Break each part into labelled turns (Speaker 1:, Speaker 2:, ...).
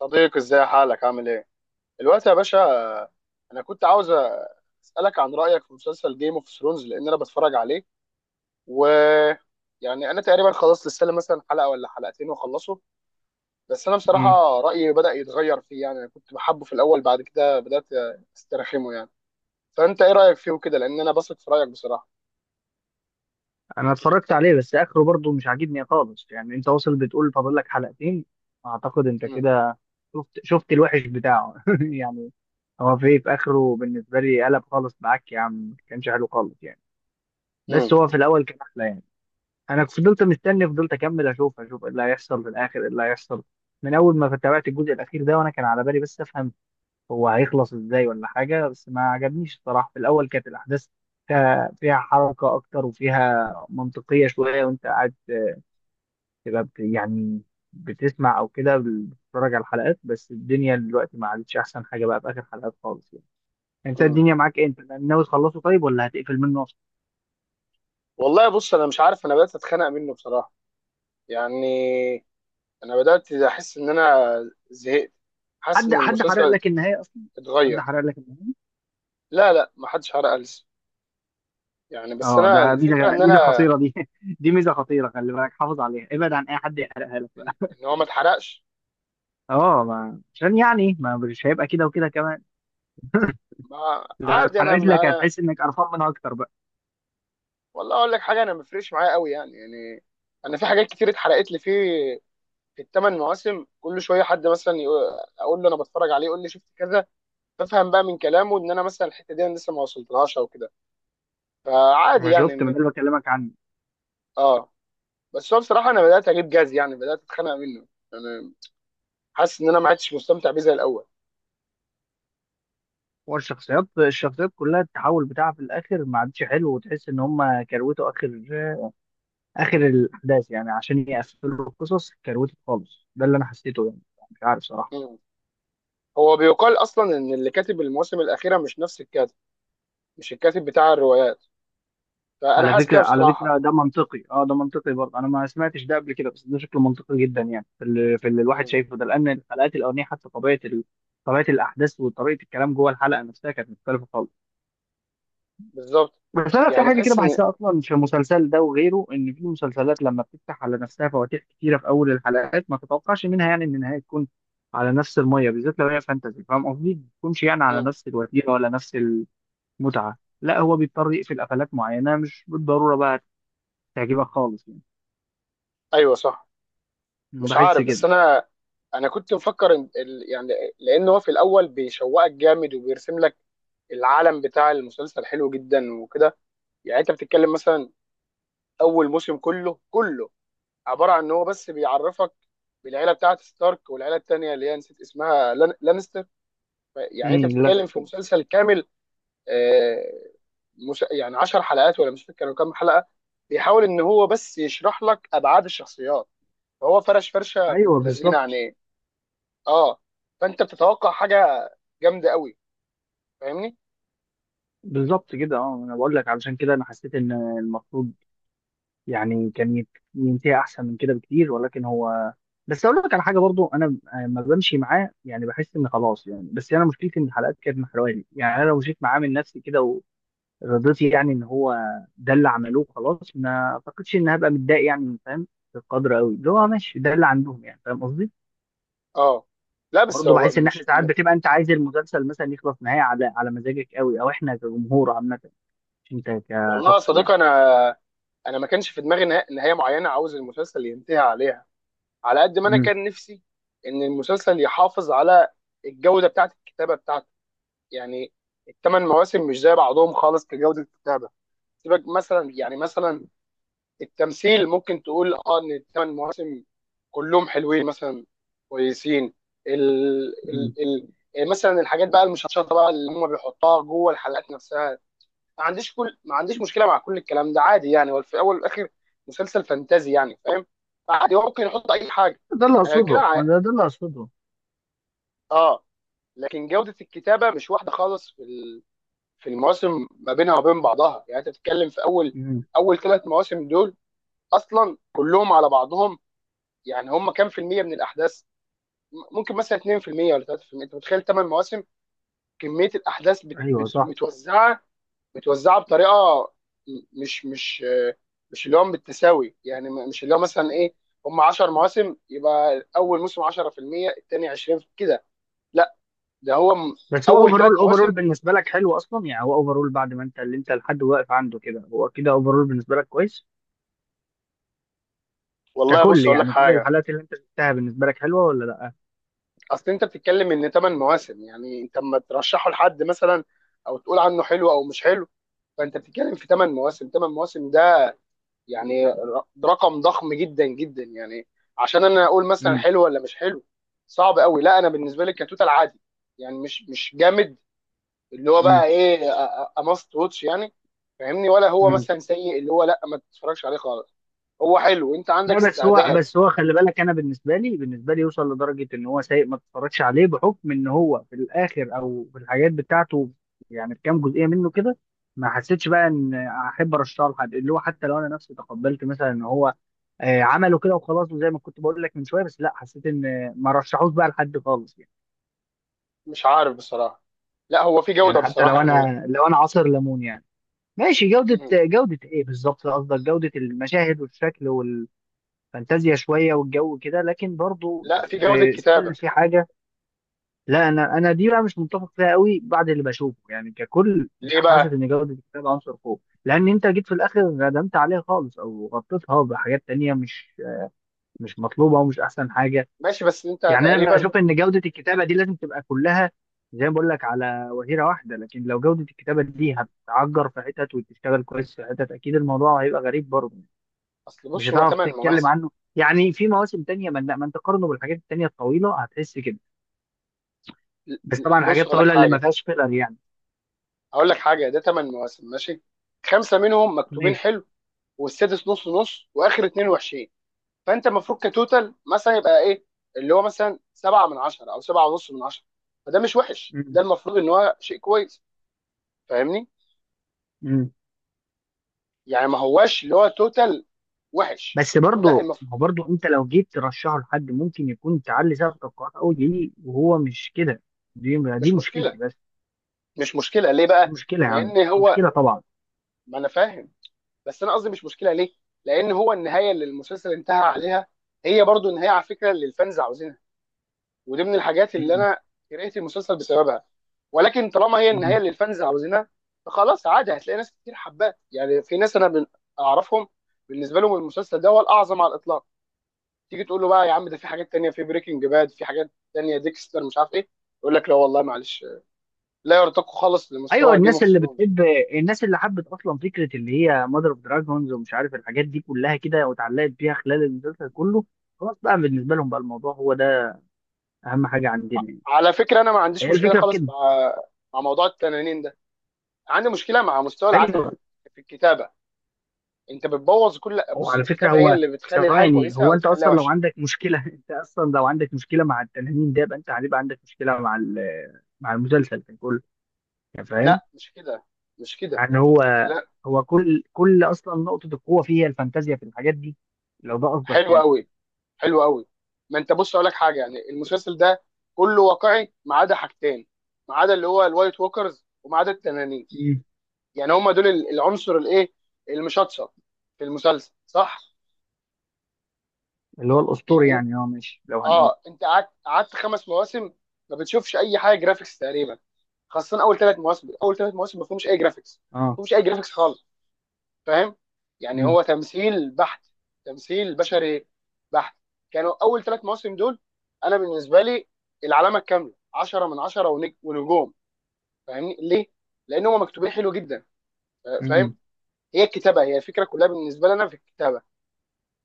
Speaker 1: صديقي، ازاي حالك؟ عامل ايه الوقت يا باشا؟ انا كنت عاوز اسالك عن رايك في مسلسل جيم اوف ثرونز، لان انا بتفرج عليه و يعني انا تقريبا خلاص لسه لي مثلا حلقه ولا حلقتين واخلصه. بس انا
Speaker 2: مم.
Speaker 1: بصراحه رايي بدا يتغير فيه. يعني انا كنت بحبه في الاول، بعد كده بدات استرخمه يعني. فانت ايه رايك فيه وكده؟ لان انا بثق في رايك بصراحه.
Speaker 2: انا اتفرجت عليه، بس اخره برضو مش عاجبني خالص يعني. انت واصل بتقول فاضل لك حلقتين، اعتقد انت
Speaker 1: امم
Speaker 2: كده شفت الوحش بتاعه يعني. هو في اخره بالنسبه لي قلب خالص، معاك يا عم ما كانش حلو خالص يعني. بس
Speaker 1: امم
Speaker 2: هو في الاول كان احلى يعني. انا فضلت مستني، فضلت اكمل اشوف ايه اللي هيحصل في الاخر، ايه اللي هيحصل من اول ما تابعت الجزء الاخير ده. وانا كان على بالي بس افهم هو هيخلص ازاي ولا حاجة، بس ما عجبنيش الصراحة. في الأول كانت الأحداث فيها حركة أكتر وفيها منطقية شوية، وأنت قاعد تبقى يعني بتسمع أو كده بتتفرج على الحلقات. بس الدنيا دلوقتي ما عادتش أحسن حاجة بقى في آخر حلقات خالص يعني. يعني أنت
Speaker 1: امم
Speaker 2: الدنيا معاك إيه؟ أنت ناوي تخلصه طيب ولا هتقفل منه أصلا؟
Speaker 1: والله بص، انا مش عارف. انا بدات اتخنق منه بصراحه يعني. انا بدات احس ان انا زهقت. حاسس
Speaker 2: حد
Speaker 1: ان
Speaker 2: حد حرق
Speaker 1: المسلسل
Speaker 2: لك النهاية أصلا؟ حد
Speaker 1: اتغير.
Speaker 2: حرق لك النهاية؟
Speaker 1: لا لا، ما حدش حرق ألسن. يعني بس
Speaker 2: أه،
Speaker 1: انا
Speaker 2: ده ميزة
Speaker 1: الفكره ان
Speaker 2: ميزة
Speaker 1: انا
Speaker 2: خطيرة دي دي ميزة خطيرة. خلي بالك حافظ عليها، ابعد عن أي حد يحرقها لك
Speaker 1: ان
Speaker 2: بقى.
Speaker 1: إن هو ما اتحرقش.
Speaker 2: أه عشان يعني ما مش هيبقى كده، وكده كمان لا،
Speaker 1: عادي انا
Speaker 2: اتحرقت لك
Speaker 1: انا
Speaker 2: هتحس انك قرفان منها اكتر بقى.
Speaker 1: والله اقول لك حاجه، انا ما بيفرقش معايا قوي يعني. يعني انا في حاجات كتير اتحرقت لي في الثمان مواسم، كل شويه حد مثلا يقول، اقول له انا بتفرج عليه، يقول لي شفت كذا، بفهم بقى من كلامه ان انا مثلا الحته دي انا لسه ما وصلتلهاش او كده. فعادي
Speaker 2: ما
Speaker 1: يعني.
Speaker 2: شفت من ده اللي بكلمك عنه.
Speaker 1: اه بس هو بصراحه انا بدات اجيب جاز يعني، بدات اتخانق منه يعني. حاسس ان انا ما عدتش مستمتع بيه زي الاول.
Speaker 2: هو الشخصيات كلها التحول بتاعها في الاخر ما عادش حلو، وتحس ان هم كروتوا اخر الاحداث يعني، عشان يقفلوا القصص كروتوا خالص. ده اللي انا حسيته يعني، مش عارف صراحه.
Speaker 1: هو بيقال اصلا ان اللي كاتب المواسم الاخيره مش نفس الكاتب، مش الكاتب بتاع الروايات. فانا
Speaker 2: على
Speaker 1: حاسس كده
Speaker 2: فكره على
Speaker 1: بصراحه.
Speaker 2: فكره ده منطقي، اه ده منطقي برضه. انا ما سمعتش ده قبل كده بس ده شكله منطقي جدا يعني، في اللي الواحد
Speaker 1: مم.
Speaker 2: شايفه ده، لان الحلقات الاولانيه حتى طبيعه طبيعه الاحداث وطريقه الكلام جوه الحلقه نفسها كانت مختلفه خالص.
Speaker 1: بالظبط.
Speaker 2: بس انا في
Speaker 1: يعني
Speaker 2: حاجه كده
Speaker 1: تحس ان.
Speaker 2: بحسها اصلا في المسلسل ده وغيره، ان في المسلسلات لما بتفتح على نفسها فواتير كتيره في اول الحلقات، ما تتوقعش منها يعني ان النهايه تكون على نفس الميه، بالذات لو هي فانتزي، فاهم قصدي، ما تكونش يعني على
Speaker 1: مم.
Speaker 2: نفس الوتيره ولا نفس المتعه. لا، هو بيضطر يقفل قفلات معينه مش بالضروره بقى تعجبك خالص يعني.
Speaker 1: ايوه صح.
Speaker 2: أنا
Speaker 1: مش
Speaker 2: بحس
Speaker 1: عارف.
Speaker 2: كده.
Speaker 1: بس انا انا كنت مفكر إن يعني لان هو في الاول بيشوقك جامد، وبيرسم لك العالم بتاع المسلسل حلو جدا وكده. يعني انت بتتكلم مثلا اول موسم كله عباره عن ان هو بس بيعرفك بالعيله بتاعه ستارك والعيله التانيه اللي هي نسيت اسمها لانستر. يعني انت
Speaker 2: امم، لا لا
Speaker 1: بتتكلم في
Speaker 2: كويس.
Speaker 1: مسلسل كامل، مش يعني 10 حلقات، ولا مش فاكر كانوا كام حلقه. بيحاول ان هو بس يشرح لك ابعاد الشخصيات. فهو فرش فرشه
Speaker 2: ايوه
Speaker 1: بنت لذينه عن
Speaker 2: بالظبط.
Speaker 1: ايه. اه. فانت بتتوقع حاجه جامده قوي، فاهمني؟
Speaker 2: بالظبط كده، اه انا بقول لك علشان كده انا حسيت ان المفروض يعني كان ينتهي احسن من كده بكتير، ولكن هو بس اقول لك على حاجه برضو. انا لما بمشي معاه يعني بحس ان خلاص يعني، بس انا مشكلتي ان الحلقات كانت محرقاني يعني. انا لو مشيت معاه من نفسي كده ورضيتي يعني ان هو ده اللي عملوه خلاص، ما اعتقدش ان هبقى متضايق يعني، فاهم، بالقدر قوي اللي هو
Speaker 1: مم.
Speaker 2: ماشي ده اللي عندهم يعني، فاهم قصدي.
Speaker 1: اه. لا بس
Speaker 2: برضه
Speaker 1: هو
Speaker 2: بحس ان احنا
Speaker 1: مش
Speaker 2: ساعات بتبقى انت عايز المسلسل مثلا يخلص نهايه على مزاجك قوي، او احنا كجمهور عامه مش انت
Speaker 1: والله يا
Speaker 2: كشخص يعني.
Speaker 1: صديقي انا انا ما كانش في دماغي نهايه معينه عاوز المسلسل ينتهي عليها. على قد ما انا
Speaker 2: امم.
Speaker 1: كان نفسي ان المسلسل يحافظ على الجوده بتاعت الكتابه بتاعته يعني. الثمان مواسم مش زي بعضهم خالص كجوده الكتابه. سيبك مثلا يعني، مثلا التمثيل ممكن تقول اه ان الثمان مواسم كلهم حلوين مثلا، كويسين. ال ال
Speaker 2: امم،
Speaker 1: ال يعني مثلا الحاجات بقى المشطشطه بقى اللي هم بيحطوها جوه الحلقات نفسها، ما عنديش مشكله مع كل الكلام ده، عادي يعني. هو في الاول والاخر مسلسل فانتازي يعني، فاهم؟ فعادي هو ممكن يحط اي حاجه.
Speaker 2: ده اللي
Speaker 1: انا كده
Speaker 2: اقصده. ما
Speaker 1: ع-
Speaker 2: ده اللي اقصده.
Speaker 1: اه. لكن جوده الكتابه مش واحده خالص في في المواسم ما بينها وبين بعضها. يعني انت بتتكلم في
Speaker 2: امم.
Speaker 1: اول ثلاث مواسم دول اصلا كلهم على بعضهم، يعني هم كام في المية من الاحداث؟ ممكن مثلا 2% ولا 3%. انت متخيل 8 مواسم كمية الاحداث
Speaker 2: ايوه صح.
Speaker 1: متوزعة، متوزعة بطريقة م- مش مش آه، مش اللي هو بالتساوي يعني. مش اللي هو مثلا ايه، هم 10 مواسم يبقى اول موسم 10%، الثاني 20 كده، لا. ده هو م-
Speaker 2: بس هو
Speaker 1: اول ثلاث
Speaker 2: اوفرول، اوفرول
Speaker 1: مواسم.
Speaker 2: بالنسبه لك حلو اصلا يعني. هو اوفرول بعد ما انت اللي انت لحد واقف عنده كده، هو كده اوفرول بالنسبه لك كويس
Speaker 1: والله بص
Speaker 2: ككل
Speaker 1: اقول لك
Speaker 2: يعني؟ كل
Speaker 1: حاجة،
Speaker 2: الحالات اللي انت شفتها بالنسبه لك حلوه ولا لا؟
Speaker 1: اصل انت بتتكلم ان ثمان مواسم. يعني انت اما ترشحه لحد مثلا او تقول عنه حلو او مش حلو، فانت بتتكلم في ثمان مواسم. ثمان مواسم ده يعني رقم ضخم جدا جدا يعني، عشان انا اقول مثلا
Speaker 2: امم.
Speaker 1: حلو ولا مش حلو. صعب قوي. لا انا بالنسبه لي كتوتال عادي يعني، مش جامد اللي هو بقى ايه، اماست واتش يعني، فاهمني؟ ولا هو
Speaker 2: امم.
Speaker 1: مثلا سيء اللي هو لا ما تتفرجش عليه خالص. هو حلو، انت عندك
Speaker 2: لا، بس هو
Speaker 1: استعداد.
Speaker 2: بس هو خلي بالك، انا بالنسبه لي، يوصل لدرجه ان هو سيء ما تتفرجش عليه بحكم ان هو في الاخر او في الحاجات بتاعته، يعني في كام جزئيه منه كده ما حسيتش بقى ان احب ارشحه لحد، اللي هو حتى لو انا نفسي تقبلت مثلا ان هو عمله كده وخلاص، وزي ما كنت بقول لك من شويه. بس لا، حسيت ان ما رشحوش بقى لحد خالص يعني.
Speaker 1: مش عارف بصراحه. لا هو في
Speaker 2: يعني
Speaker 1: جوده
Speaker 2: حتى
Speaker 1: بصراحه
Speaker 2: لو
Speaker 1: يعني.
Speaker 2: لو انا عصر ليمون يعني ماشي. جوده ايه بالظبط قصدك؟ جوده المشاهد والشكل فانتازيا شويه والجو كده، لكن برضو
Speaker 1: لا، في جواز
Speaker 2: ستيل
Speaker 1: الكتابه.
Speaker 2: في حاجه. لا، انا دي بقى مش متفق فيها قوي بعد اللي بشوفه يعني ككل. مش
Speaker 1: ليه
Speaker 2: حاسس
Speaker 1: بقى؟
Speaker 2: ان جوده الكتاب عنصر فوق، لان انت جيت في الاخر غدمت عليها خالص او غطيتها بحاجات تانية مش مطلوبه ومش احسن حاجه.
Speaker 1: ماشي بس انت
Speaker 2: يعني انا
Speaker 1: تقريبا.
Speaker 2: بشوف ان جوده الكتابه دي لازم تبقى كلها زي ما بقول لك على وتيره واحده، لكن لو جوده الكتابه دي هتعجر في حتت وتشتغل كويس في حتت اكيد الموضوع هيبقى غريب برضه،
Speaker 1: اصل
Speaker 2: مش
Speaker 1: بص هو
Speaker 2: هتعرف
Speaker 1: ثمان
Speaker 2: تتكلم
Speaker 1: مواسم.
Speaker 2: عنه. يعني في مواسم تانية، ما انت قارنه بالحاجات التانية الطويلة هتحس كده. بس طبعا الحاجات
Speaker 1: بص اقول لك
Speaker 2: الطويلة اللي ما
Speaker 1: حاجه،
Speaker 2: فيهاش فيلر يعني
Speaker 1: هقول لك حاجه. ده ثمان مواسم ماشي، خمسه منهم مكتوبين
Speaker 2: ماشي.
Speaker 1: حلو، والسادس نص نص، واخر اتنين وحشين. فانت المفروض كتوتال مثلا يبقى ايه، اللي هو مثلا سبعه من عشره او سبعه ونص من عشره. فده مش وحش، ده
Speaker 2: مم.
Speaker 1: المفروض ان هو شيء كويس. فاهمني؟
Speaker 2: مم.
Speaker 1: يعني ما هواش اللي هو توتال وحش.
Speaker 2: بس
Speaker 1: لا
Speaker 2: برضه
Speaker 1: المفروض.
Speaker 2: ما هو، برضه انت لو جيت ترشحه لحد ممكن يكون تعلي سقف توقعات قوي ليه وهو مش كده. دي
Speaker 1: مش
Speaker 2: مشكلتي
Speaker 1: مشكله،
Speaker 2: بس.
Speaker 1: مش مشكله ليه
Speaker 2: دي
Speaker 1: بقى؟
Speaker 2: مشكلة، يعني
Speaker 1: لان هو،
Speaker 2: مشكلة طبعا.
Speaker 1: ما انا فاهم، بس انا قصدي مش مشكله ليه؟ لان هو النهايه اللي المسلسل انتهى عليها هي برضو النهايه على فكره اللي الفانز عاوزينها. ودي من الحاجات اللي
Speaker 2: مم.
Speaker 1: انا قريت المسلسل بسببها. ولكن طالما هي النهايه
Speaker 2: مم.
Speaker 1: اللي الفانز عاوزينها، فخلاص عادي هتلاقي ناس كتير حباه. يعني في ناس انا اعرفهم بالنسبه لهم المسلسل ده هو الاعظم على الاطلاق. تيجي تقول له بقى يا عم ده في حاجات تانية، في بريكنج باد، في حاجات تانية، ديكستر، مش عارف ايه، يقول لك لا والله معلش، لا يرتقي خالص
Speaker 2: ايوه،
Speaker 1: لمستوى جيم
Speaker 2: الناس
Speaker 1: اوف
Speaker 2: اللي
Speaker 1: ثرونز.
Speaker 2: بتحب، الناس اللي حبت اصلا فكره اللي هي مادر اوف دراجونز ومش عارف الحاجات دي كلها كده واتعلقت بيها خلال المسلسل كله، خلاص بقى بالنسبه لهم بقى الموضوع هو ده اهم حاجه عندنا يعني.
Speaker 1: على فكره، انا ما عنديش
Speaker 2: هي
Speaker 1: مشكله
Speaker 2: الفكره في
Speaker 1: خالص
Speaker 2: كده.
Speaker 1: مع مع موضوع التنانين ده. عندي مشكله مع مستوى العته
Speaker 2: ايوه.
Speaker 1: في الكتابه. انت بتبوظ كل،
Speaker 2: هو
Speaker 1: بص
Speaker 2: على فكره،
Speaker 1: الكتابه هي
Speaker 2: هو،
Speaker 1: اللي بتخلي الحاجه
Speaker 2: ثواني،
Speaker 1: كويسه
Speaker 2: هو
Speaker 1: او
Speaker 2: انت
Speaker 1: تخليها
Speaker 2: اصلا لو
Speaker 1: وحشه.
Speaker 2: عندك مشكله انت اصلا لو عندك مشكله مع التنانين ده، يبقى انت هيبقى عندك مشكله مع مع المسلسل كان كله يعني، فاهم
Speaker 1: لا مش كده، مش كده.
Speaker 2: يعني. هو
Speaker 1: لا
Speaker 2: كل اصلا نقطه القوه فيها الفانتازيا في الحاجات دي، لو ده قصدك
Speaker 1: حلو
Speaker 2: يعني.
Speaker 1: قوي، حلو قوي. ما انت بص اقول لك حاجه، يعني المسلسل ده كله واقعي ما عدا حاجتين، ما عدا اللي هو الوايت ووكرز وما عدا التنانين.
Speaker 2: مم.
Speaker 1: يعني هم دول العنصر الايه، المشطشط في المسلسل صح؟
Speaker 2: اللي هو الاسطوري
Speaker 1: يعني
Speaker 2: يعني، اه ماشي لو هنقول.
Speaker 1: اه. انت قعدت خمس مواسم ما بتشوفش اي حاجه جرافيكس تقريبا. خاصه اول ثلاث مواسم ما فيهمش اي جرافيكس، ما
Speaker 2: اه.
Speaker 1: فيهمش اي جرافيكس خالص. فاهم؟ يعني
Speaker 2: امم.
Speaker 1: هو تمثيل بحت، تمثيل بشري بحت. كانوا اول ثلاث مواسم دول انا بالنسبه لي العلامه الكامله 10 من 10 ونجوم. فاهمني ليه؟ لان هم مكتوبين حلو جدا.
Speaker 2: امم.
Speaker 1: فاهم؟ هي الكتابه، هي الفكره كلها بالنسبه لنا في الكتابه،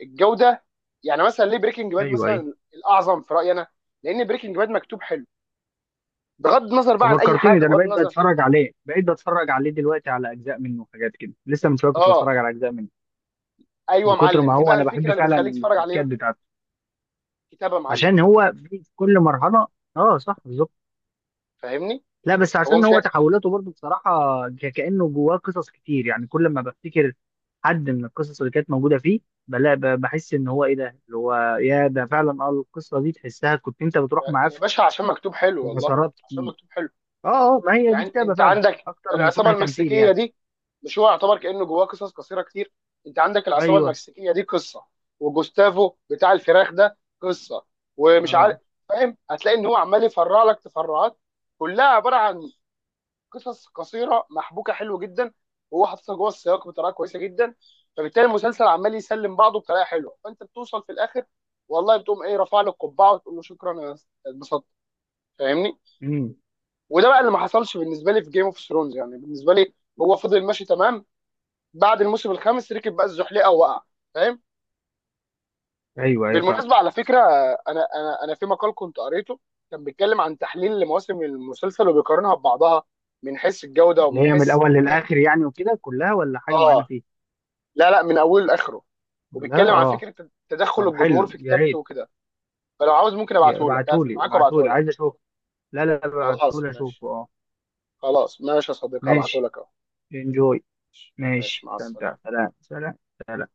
Speaker 1: الجوده. يعني مثلا ليه بريكنج باد
Speaker 2: ايوه. ايوه.
Speaker 1: مثلا الاعظم في رايي انا؟ لان بريكنج باد مكتوب حلو، بغض النظر بقى
Speaker 2: طب
Speaker 1: عن اي
Speaker 2: فكرتني
Speaker 1: حاجه،
Speaker 2: ده. انا
Speaker 1: بغض النظر.
Speaker 2: بقيت بتفرج عليه دلوقتي على اجزاء منه وحاجات كده، لسه من شويه كنت
Speaker 1: اه.
Speaker 2: بتفرج على اجزاء منه.
Speaker 1: ايوه
Speaker 2: من
Speaker 1: يا
Speaker 2: كتر
Speaker 1: معلم،
Speaker 2: ما
Speaker 1: ايه
Speaker 2: هو
Speaker 1: بقى
Speaker 2: انا
Speaker 1: الفكره
Speaker 2: بحب
Speaker 1: اللي
Speaker 2: فعلا
Speaker 1: بتخليك تتفرج عليه
Speaker 2: الحبكات
Speaker 1: بقى؟
Speaker 2: بتاعته،
Speaker 1: كتابه يا معلم،
Speaker 2: عشان هو في كل مرحله. اه صح بالظبط.
Speaker 1: فاهمني؟
Speaker 2: لا بس
Speaker 1: هو
Speaker 2: عشان
Speaker 1: مش،
Speaker 2: هو تحولاته برضو بصراحه، كانه جواه قصص كتير يعني. كل ما بفتكر حد من القصص اللي كانت موجوده فيه بحس ان هو ايه ده اللي هو، يا ده فعلا، اه القصه دي تحسها كنت انت بتروح معاه
Speaker 1: يا
Speaker 2: في
Speaker 1: باشا عشان مكتوب
Speaker 2: في
Speaker 1: حلو والله،
Speaker 2: مسارات
Speaker 1: عشان
Speaker 2: كتير.
Speaker 1: مكتوب حلو.
Speaker 2: اه. اه، ما هي دي
Speaker 1: يعني
Speaker 2: كتابه
Speaker 1: انت
Speaker 2: فعلا
Speaker 1: عندك
Speaker 2: اكتر من
Speaker 1: العصابه
Speaker 2: كونها تمثيل
Speaker 1: المكسيكيه
Speaker 2: يعني.
Speaker 1: دي، مش هو يعتبر كانه جواه قصص قصيره كتير؟ انت عندك العصابه
Speaker 2: ايوه.
Speaker 1: المكسيكيه دي قصه، وجوستافو بتاع الفراخ ده قصه، ومش عارف.
Speaker 2: اه.
Speaker 1: فاهم؟ هتلاقي ان هو عمال يفرع لك تفرعات كلها عباره عن قصص قصيره محبوكه حلو جدا، وهو حاططها جوه السياق بطريقه كويسه جدا. فبالتالي المسلسل عمال يسلم بعضه بطريقه حلوه، فانت بتوصل في الاخر والله بتقوم ايه، رافع له القبعه وتقول له شكرا انا اتبسطت. فاهمني؟
Speaker 2: امم.
Speaker 1: وده بقى اللي ما حصلش بالنسبه لي في جيم اوف ثرونز. يعني بالنسبه لي هو فضل ماشي تمام، بعد الموسم الخامس ركب بقى الزحليقه ووقع. فاهم؟
Speaker 2: ايوه ايوه فعلا.
Speaker 1: بالمناسبه على فكره، انا في مقال كنت قريته كان بيتكلم عن تحليل لمواسم المسلسل وبيقارنها ببعضها من حيث الجوده
Speaker 2: اللي
Speaker 1: ومن
Speaker 2: هي من
Speaker 1: حيث
Speaker 2: الاول
Speaker 1: فكره.
Speaker 2: للاخر يعني وكده كلها، ولا حاجه معينه
Speaker 1: اه.
Speaker 2: فيه؟
Speaker 1: لا لا، من اوله لاخره.
Speaker 2: لا.
Speaker 1: وبيتكلم عن
Speaker 2: اه.
Speaker 1: فكره تدخل
Speaker 2: طب
Speaker 1: الجمهور
Speaker 2: حلو،
Speaker 1: في
Speaker 2: يا
Speaker 1: كتابته
Speaker 2: ريت.
Speaker 1: وكده. فلو عاوز ممكن ابعته لك، اقفل
Speaker 2: ابعتولي،
Speaker 1: معاك وابعته
Speaker 2: ابعتولي
Speaker 1: لك.
Speaker 2: عايز اشوف. لا لا،
Speaker 1: خلاص
Speaker 2: ابعتولي
Speaker 1: ماشي،
Speaker 2: اشوفه، اه.
Speaker 1: خلاص ماشي يا صديقي، هبعته
Speaker 2: ماشي.
Speaker 1: لك اهو.
Speaker 2: انجوي.
Speaker 1: ماشي،
Speaker 2: ماشي،
Speaker 1: مع السلامه.
Speaker 2: استمتع. سلام سلام. سلام.